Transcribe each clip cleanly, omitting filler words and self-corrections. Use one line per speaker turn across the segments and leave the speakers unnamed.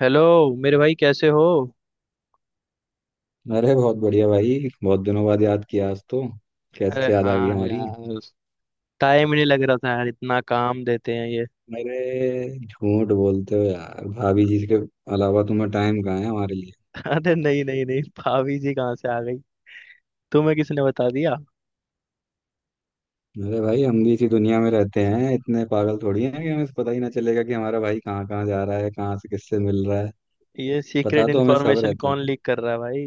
Hello. मेरे भाई कैसे हो?
अरे बहुत बढ़िया भाई, बहुत दिनों बाद याद किया आज तो।
अरे
कैसे याद आ गई
हाँ
हमारी?
यार, टाइम ही नहीं लग रहा था यार, इतना काम देते हैं ये।
अरे झूठ बोलते हो यार, भाभी जी के अलावा तुम्हें टाइम कहाँ है हमारे लिए?
अरे नहीं नहीं नहीं, भाभी जी कहाँ से आ गई? तुम्हें किसने बता दिया?
अरे भाई, हम भी इसी दुनिया में रहते हैं। इतने पागल थोड़ी हैं कि हमें पता ही ना चलेगा कि हमारा भाई कहाँ कहाँ जा रहा है, कहाँ से किससे मिल रहा है।
ये
पता
सीक्रेट
तो हमें सब
इन्फॉर्मेशन
रहता
कौन
है
लीक कर रहा है भाई?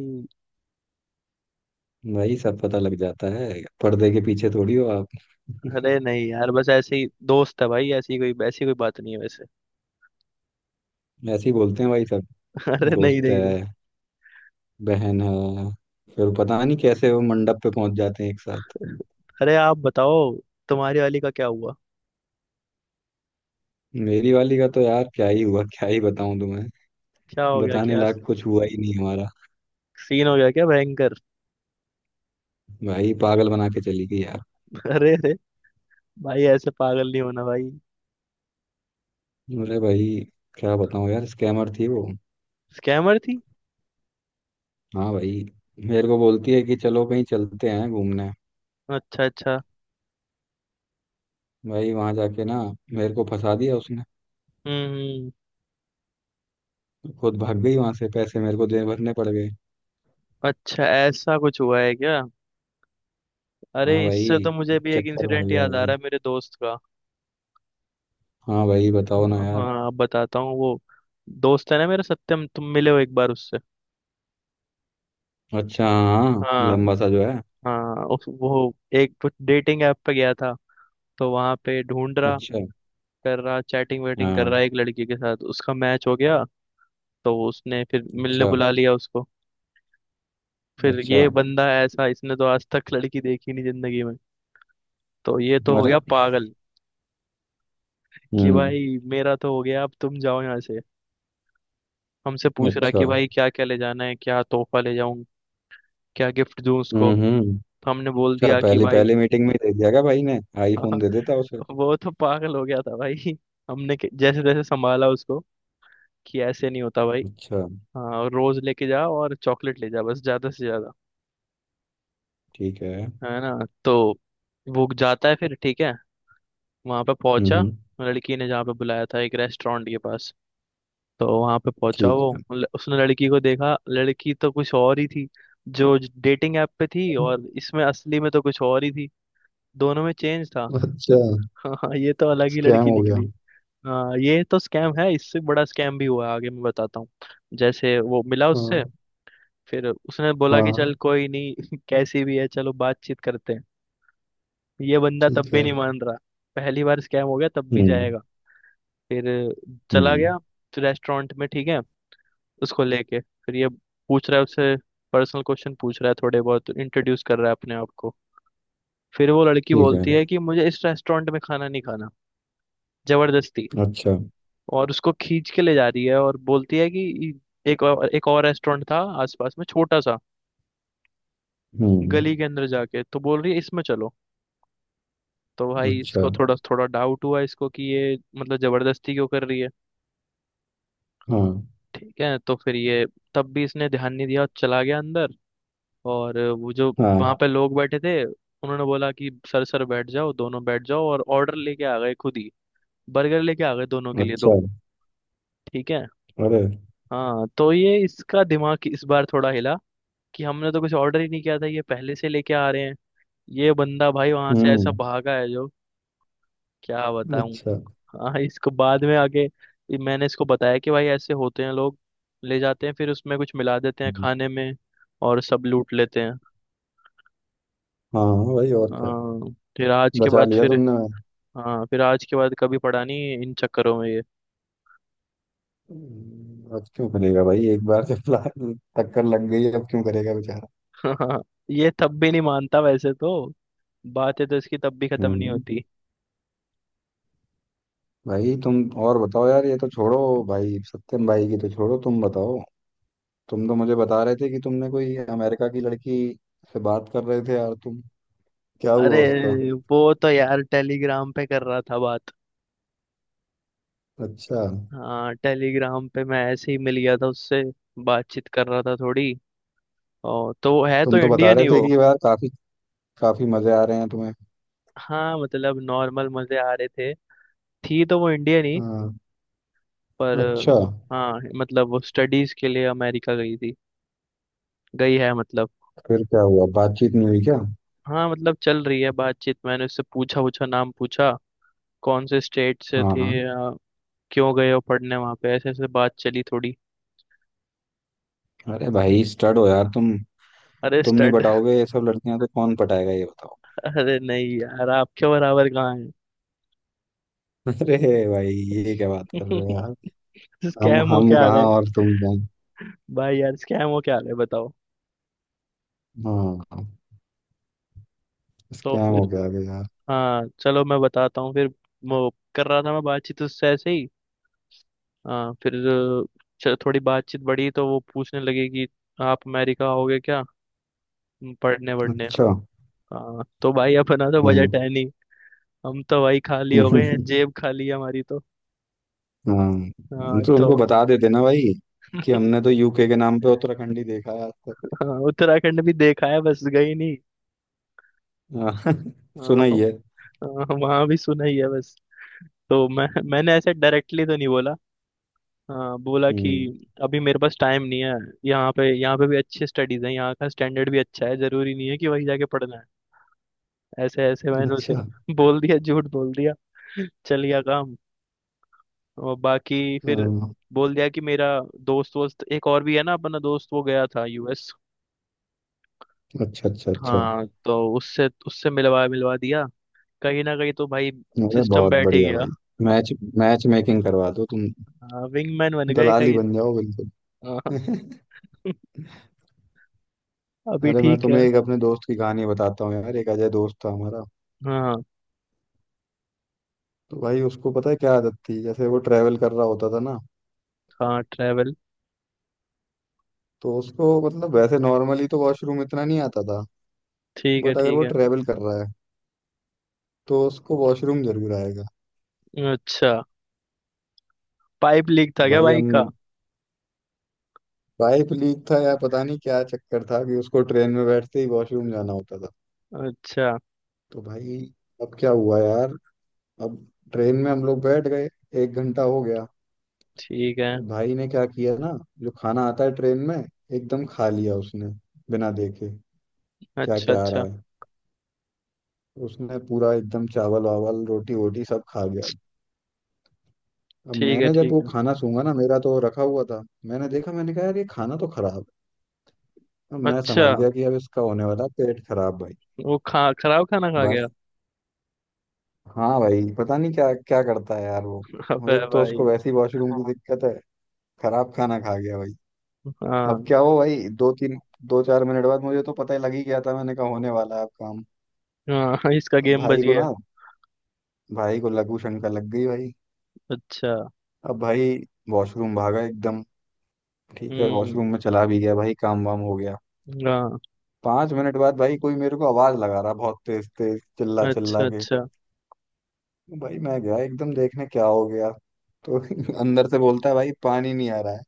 भाई, सब पता लग जाता है। पर्दे के पीछे थोड़ी हो आप।
अरे नहीं यार, बस ऐसे ही दोस्त है भाई, ऐसी कोई बात नहीं है वैसे।
ऐसे ही बोलते हैं भाई सब।
अरे नहीं
दोस्त है,
नहीं नहीं।
बहन है, फिर पता नहीं कैसे वो मंडप पे पहुंच जाते हैं एक साथ।
अरे आप बताओ, तुम्हारी वाली का क्या हुआ?
मेरी वाली का तो यार क्या ही हुआ, क्या ही बताऊं तुम्हें।
क्या हो गया
बताने
क्या?
लायक कुछ हुआ ही नहीं हमारा।
सीन हो गया क्या भयंकर?
भाई पागल बना के चली गई यार।
अरे अरे, भाई ऐसे पागल नहीं होना भाई।
अरे भाई, क्या बताऊं यार, स्कैमर थी वो।
स्कैमर थी।
हाँ भाई, मेरे को बोलती है कि चलो कहीं चलते हैं घूमने।
अच्छा अच्छा।
भाई वहां जाके ना मेरे को फंसा दिया उसने।
हम्म हम्म।
खुद भाग गई वहां से, पैसे मेरे को दे भरने पड़ गए।
अच्छा, ऐसा कुछ हुआ है क्या? अरे,
हाँ
इससे तो
भाई,
मुझे भी एक
चक्कर मार
इंसिडेंट
गया
याद आ
भाई।
रहा है मेरे दोस्त का।
हाँ भाई, बताओ ना
हाँ
यार।
हाँ, अब बताता हूँ वो। दोस्त है ना मेरा सत्यम, तुम मिले हो एक बार उससे?
अच्छा हाँ,
हाँ।
लंबा सा जो है।
हाँ उस वो एक डेटिंग ऐप पे गया था। तो वहां पे ढूंढ रहा,
अच्छा।
कर रहा चैटिंग वेटिंग, कर
हाँ।
रहा है एक लड़की के साथ। उसका मैच हो गया। तो उसने फिर मिलने
अच्छा।
बुला लिया उसको। फिर
अच्छा।
ये बंदा ऐसा, इसने तो आज तक लड़की देखी नहीं जिंदगी में। तो ये तो हो
अरे।
गया पागल। कि
हम्म।
भाई मेरा तो हो गया, अब तुम जाओ यहाँ से। हमसे पूछ रहा
अच्छा।
कि भाई क्या क्या ले जाना है, क्या तोहफा ले जाऊं। क्या गिफ्ट दूं उसको।
हम्म हम्म।
तो हमने बोल
अच्छा,
दिया कि
पहले पहले
भाई।
मीटिंग में ही दे दिया क्या? भाई ने आईफोन दे देता उसे।
वो तो पागल हो गया था भाई। हमने जैसे तैसे संभाला उसको। कि ऐसे नहीं होता भाई।
अच्छा।
हाँ, रोज लेके जा और चॉकलेट ले जा बस, ज्यादा से ज्यादा।
ठीक है।
है ना। तो वो जाता है फिर, ठीक है। वहां पे
हम्म
पहुंचा,
हम्म,
लड़की ने जहाँ पे बुलाया था, एक रेस्टोरेंट के पास। तो वहां पे पहुंचा
ठीक है।
वो। उसने लड़की को देखा, लड़की तो कुछ और ही थी। जो डेटिंग ऐप पे थी, और इसमें असली में तो कुछ और ही थी। दोनों में चेंज था।
अच्छा।
हाँ, ये तो अलग ही
स्कैम
लड़की
हो गया।
निकली। हाँ, ये तो स्कैम है, इससे बड़ा स्कैम भी हुआ है, आगे मैं बताता हूँ। जैसे वो मिला उससे।
हाँ।
फिर उसने बोला कि चल
हाँ,
कोई नहीं, कैसी भी है चलो बातचीत करते हैं। ये बंदा तब
ठीक
भी
है।
नहीं मान रहा। पहली बार स्कैम हो गया, तब भी
हम्म।
जाएगा। फिर चला
हम्म।
गया। रेस्टोरेंट में, ठीक है। उसको लेके। फिर ये पूछ रहा है उससे। पर्सनल क्वेश्चन पूछ रहा है, थोड़े बहुत इंट्रोड्यूस कर रहा है अपने आप को। फिर वो लड़की
ठीक है।
बोलती है कि मुझे इस रेस्टोरेंट में खाना नहीं खाना। जबरदस्ती।
अच्छा।
और उसको खींच के ले जा रही है और बोलती है कि एक और रेस्टोरेंट था आसपास में छोटा सा।
हम्म।
गली के अंदर जाके, तो बोल रही है इसमें चलो। तो भाई
अच्छा।
इसको थोड़ा थोड़ा डाउट हुआ इसको, कि ये मतलब जबरदस्ती क्यों कर रही है।
हाँ।
ठीक है, तो फिर ये तब भी इसने ध्यान नहीं दिया और चला गया अंदर। और वो जो
हाँ।
वहां पे लोग बैठे थे, उन्होंने बोला कि सर सर बैठ जाओ, दोनों बैठ जाओ, और ऑर्डर लेके आ गए खुद ही। बर्गर लेके आ गए दोनों के लिए,
अच्छा।
दो। ठीक है।
अरे।
हाँ, तो ये इसका दिमाग इस बार थोड़ा हिला। कि हमने तो कुछ ऑर्डर ही नहीं किया था, ये पहले से लेके आ रहे हैं। ये बंदा भाई वहां से ऐसा
हम्म।
भागा है जो, क्या बताऊं।
अच्छा।
हाँ, इसको बाद में आके ये मैंने इसको बताया कि भाई ऐसे होते हैं लोग। ले जाते हैं, फिर उसमें कुछ मिला देते हैं
हम्म,
खाने में। और सब लूट लेते हैं।
हाँ भाई और क्या।
हाँ, फिर आज के
बचा
बाद
लिया
फिर।
तुमने।
हाँ, फिर आज के बाद कभी पड़ा नहीं इन चक्करों में ये।
अब क्यों करेगा भाई? एक बार जब टक्कर लग गई अब क्यों करेगा बेचारा।
ये तब भी नहीं मानता वैसे तो। बातें तो इसकी तब भी खत्म नहीं
हम्म।
होती।
भाई तुम और बताओ यार, ये तो छोड़ो भाई, सत्यम भाई की तो छोड़ो, तुम बताओ। तुम तो मुझे बता रहे थे कि तुमने कोई अमेरिका की लड़की से बात कर रहे थे यार तुम। क्या
अरे
हुआ उसका?
वो तो यार टेलीग्राम पे कर रहा था बात।
अच्छा।
हाँ, टेलीग्राम पे मैं ऐसे ही मिल गया था उससे। बातचीत कर रहा था थोड़ी। और तो वो है तो
तुम तो बता
इंडियन
रहे
ही
थे
वो।
कि यार काफी काफी मजे आ रहे हैं तुम्हें।
हाँ, मतलब नॉर्मल मजे आ रहे थे। थी तो वो इंडियन ही।
हाँ।
पर।
अच्छा।
हाँ। मतलब वो स्टडीज के लिए अमेरिका गई थी। गई है मतलब।
फिर क्या हुआ, बातचीत नहीं हुई क्या?
हाँ, मतलब चल रही है बातचीत, मैंने उससे पूछा, पूछा नाम पूछा। कौन से स्टेट से
हाँ
थे
हाँ।
क्यों गए हो पढ़ने वहाँ पे, ऐसे ऐसे बात चली थोड़ी।
अरे भाई, स्टड हो यार तुम।
अरे
तुम नहीं
स्टड।
पटाओगे ये सब लड़कियां तो कौन पटाएगा ये बताओ?
अरे नहीं यार, आपके बराबर कहाँ है।
अरे भाई, ये क्या बात कर रहे हो यार?
स्कैम होके
हम
आ
कहाँ
गए।
और तुम
भाई यार स्कैम हो, क्या हाल है बताओ।
कहाँ। हाँ।
तो
स्कैम हो
फिर।
गया अभी यार।
हाँ, चलो मैं बताता हूँ फिर। वो कर रहा था मैं बातचीत उससे ऐसे ही। हाँ, फिर थोड़ी बातचीत बढ़ी, तो वो पूछने लगे कि आप अमेरिका आओगे क्या, पढ़ने वढ़ने।
अच्छा।
हाँ, तो भाई अपना तो बजट
हम्म।
है नहीं। हम तो भाई खाली हो गए हैं, जेब खाली है हमारी तो।
हाँ,
हाँ
तो उनको
तो।
बता देते ना भाई कि हमने तो यूके के नाम पे उत्तराखंड ही देखा है आज तक।
हाँ, उत्तराखंड भी देखा है, बस गई नहीं।
हाँ,
हाँ,
सुना ही है।
हाँ, वहाँ भी सुना ही है बस। तो मैंने ऐसे डायरेक्टली तो नहीं बोला। हाँ, बोला कि
हम्म।
अभी मेरे पास टाइम नहीं है। यहाँ पे भी अच्छी स्टडीज हैं, यहाँ का स्टैंडर्ड भी अच्छा है, जरूरी नहीं है कि वही जाके पढ़ना है, ऐसे ऐसे मैंने उसे
अच्छा।
बोल दिया, झूठ बोल दिया। चल गया काम। और बाकी फिर
हाँ,
बोल दिया कि मेरा दोस्त वोस्त एक और भी है ना, अपना दोस्त वो गया था यूएस।
अच्छा अच्छा अच्छा।
हाँ, तो उससे उससे मिलवा मिलवा दिया। कहीं ना कहीं तो भाई
अरे
सिस्टम
बहुत
बैठ ही
बढ़िया
गया।
भाई। मैच मैच मेकिंग करवा दो तुम।
हाँ, विंगमैन बन गए
दलाल ही
कहीं।
बन जाओ बिल्कुल।
हाँ। अभी
अरे, मैं
ठीक है।
तुम्हें एक अपने दोस्त की कहानी बताता हूँ यार। एक अजय दोस्त था हमारा।
हाँ
तो भाई, उसको पता है क्या आदत थी? जैसे वो ट्रेवल कर रहा होता था ना,
हाँ, ट्रैवल।
तो उसको मतलब वैसे नॉर्मली तो वॉशरूम इतना नहीं आता था,
ठीक है
बट अगर
ठीक
वो
है।
ट्रेवल कर रहा है तो उसको वॉशरूम जरूर आएगा।
अच्छा, पाइप लीक था क्या
भाई हम,
बाइक का?
पाइप लीक था या पता नहीं क्या चक्कर था कि उसको ट्रेन में बैठते ही वॉशरूम जाना होता था।
अच्छा।
तो भाई, अब क्या हुआ यार? अब, ट्रेन में हम लोग बैठ गए, एक घंटा हो गया।
ठीक है।
वो भाई ने क्या किया ना, जो खाना आता है ट्रेन में एकदम खा लिया उसने, बिना देखे क्या
अच्छा
क्या आ रहा
अच्छा।
है। उसने पूरा एकदम चावल वावल रोटी वोटी सब खा गया। अब
ठीक है
मैंने जब
ठीक
वो
है।
खाना सूंघा ना, मेरा तो रखा हुआ था, मैंने देखा, मैंने कहा यार ये खाना तो खराब है। मैं
अच्छा।
समझ गया कि अब इसका होने वाला पेट खराब भाई।
वो खा खराब खाना खा गया।
बस। हाँ भाई, पता नहीं क्या क्या करता है यार वो। वो
अबे
एक तो उसको
भाई।
वैसी वॉशरूम की, हाँ, दिक्कत है। खराब खाना खा गया भाई। अब
हाँ।
क्या हो भाई, दो तीन दो चार मिनट बाद मुझे तो पता ही लग ही गया था। मैंने कहा होने वाला है अब काम।
हाँ, इसका
अब
गेम बच
भाई को
गया।
ना, भाई को लघु शंका लग गई भाई।
अच्छा।
अब भाई वॉशरूम भागा एकदम। ठीक है, वॉशरूम
हम्म।
में चला भी गया भाई, काम वाम हो गया।
हाँ।
पांच मिनट बाद भाई कोई मेरे को आवाज लगा रहा, बहुत तेज तेज चिल्ला
अच्छा
चिल्ला के।
अच्छा।
भाई मैं गया एकदम देखने क्या हो गया। तो अंदर से बोलता है भाई पानी नहीं आ रहा है,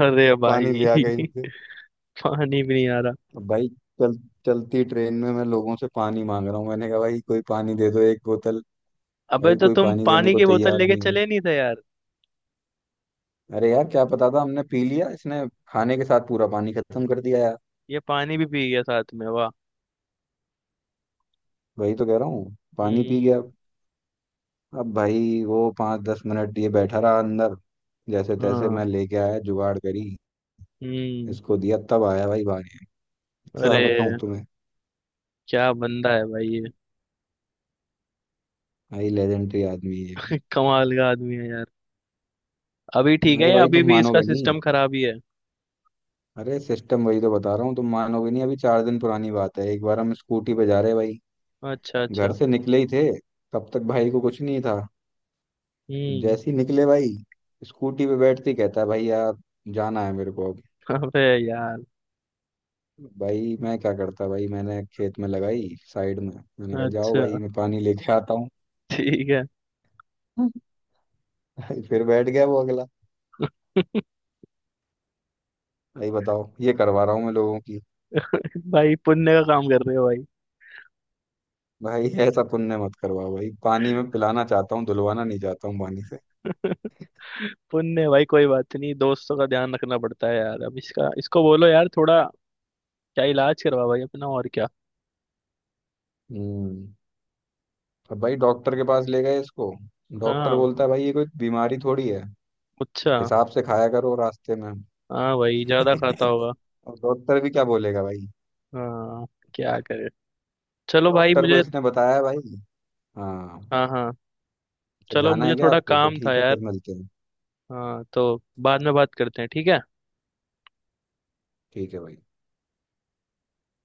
अरे भाई।
पानी लिया कहीं से?
पानी भी नहीं आ रहा।
अब भाई, चल चलती ट्रेन में मैं लोगों से पानी मांग रहा हूँ। मैंने कहा भाई कोई पानी दे दो एक बोतल।
अबे
भाई
तो
कोई
तुम
पानी देने
पानी
को
की बोतल
तैयार
लेके
नहीं हुए।
चले नहीं थे यार।
अरे यार क्या पता था, हमने पी लिया इसने खाने के साथ पूरा पानी खत्म कर दिया यार।
ये पानी भी पी गया साथ में, वाह।
वही तो कह रहा हूँ, पानी पी गया।
हम्म।
अब भाई वो पाँच दस मिनट ये बैठा रहा अंदर। जैसे तैसे
हाँ।
मैं लेके आया, जुगाड़ करी,
हम्म।
इसको दिया, तब आया भाई बाहर। क्या
अरे,
बताऊँ तुम्हें।
क्या बंदा है भाई ये।
भाई लेजेंडरी आदमी है ये भी।
कमाल का आदमी है यार। अभी ठीक है,
अरे
या
भाई
अभी
तुम
भी इसका
मानोगे नहीं।
सिस्टम खराब ही है?
अरे सिस्टम, वही तो बता रहा हूँ, तुम मानोगे नहीं। अभी चार दिन पुरानी बात है, एक बार हम स्कूटी पे जा रहे भाई।
अच्छा
घर
अच्छा।
से निकले ही थे, तब तक भाई को कुछ नहीं था।
हम्म।
जैसे ही निकले भाई, स्कूटी पे बैठते ही कहता है भाई यार, जाना है मेरे को अब।
अबे यार।
भाई मैं क्या करता भाई, मैंने खेत में लगाई साइड में। मैंने कहा जाओ
अच्छा,
भाई, मैं पानी लेके आता हूँ।
ठीक है।
भाई फिर बैठ गया वो अगला। भाई बताओ, ये करवा रहा हूँ मैं लोगों की।
भाई, पुण्य का काम कर रहे हो भाई।
भाई ऐसा पुण्य मत करवाओ भाई, पानी में पिलाना चाहता हूँ, धुलवाना नहीं चाहता हूँ पानी से।
पुण्य भाई, कोई बात नहीं, दोस्तों का ध्यान रखना पड़ता है यार। अब इसका इसको बोलो यार थोड़ा, क्या इलाज करवा भाई अपना, और क्या।
हम्म, अब भाई डॉक्टर के पास ले गए इसको। डॉक्टर
हाँ।
बोलता है भाई ये कोई बीमारी थोड़ी है,
अच्छा।
हिसाब से खाया करो रास्ते में।
हाँ भाई ज्यादा खाता होगा।
और डॉक्टर भी क्या बोलेगा भाई।
हाँ। क्या करे। चलो भाई
डॉक्टर को
मुझे।
इसने बताया है भाई। हाँ।
हाँ हाँ,
अच्छा,
चलो
जाना
मुझे
है क्या
थोड़ा
आपको? तो
काम था
ठीक है,
यार।
फिर मिलते हैं।
हाँ तो, बाद में बात करते हैं, ठीक है।
ठीक है भाई।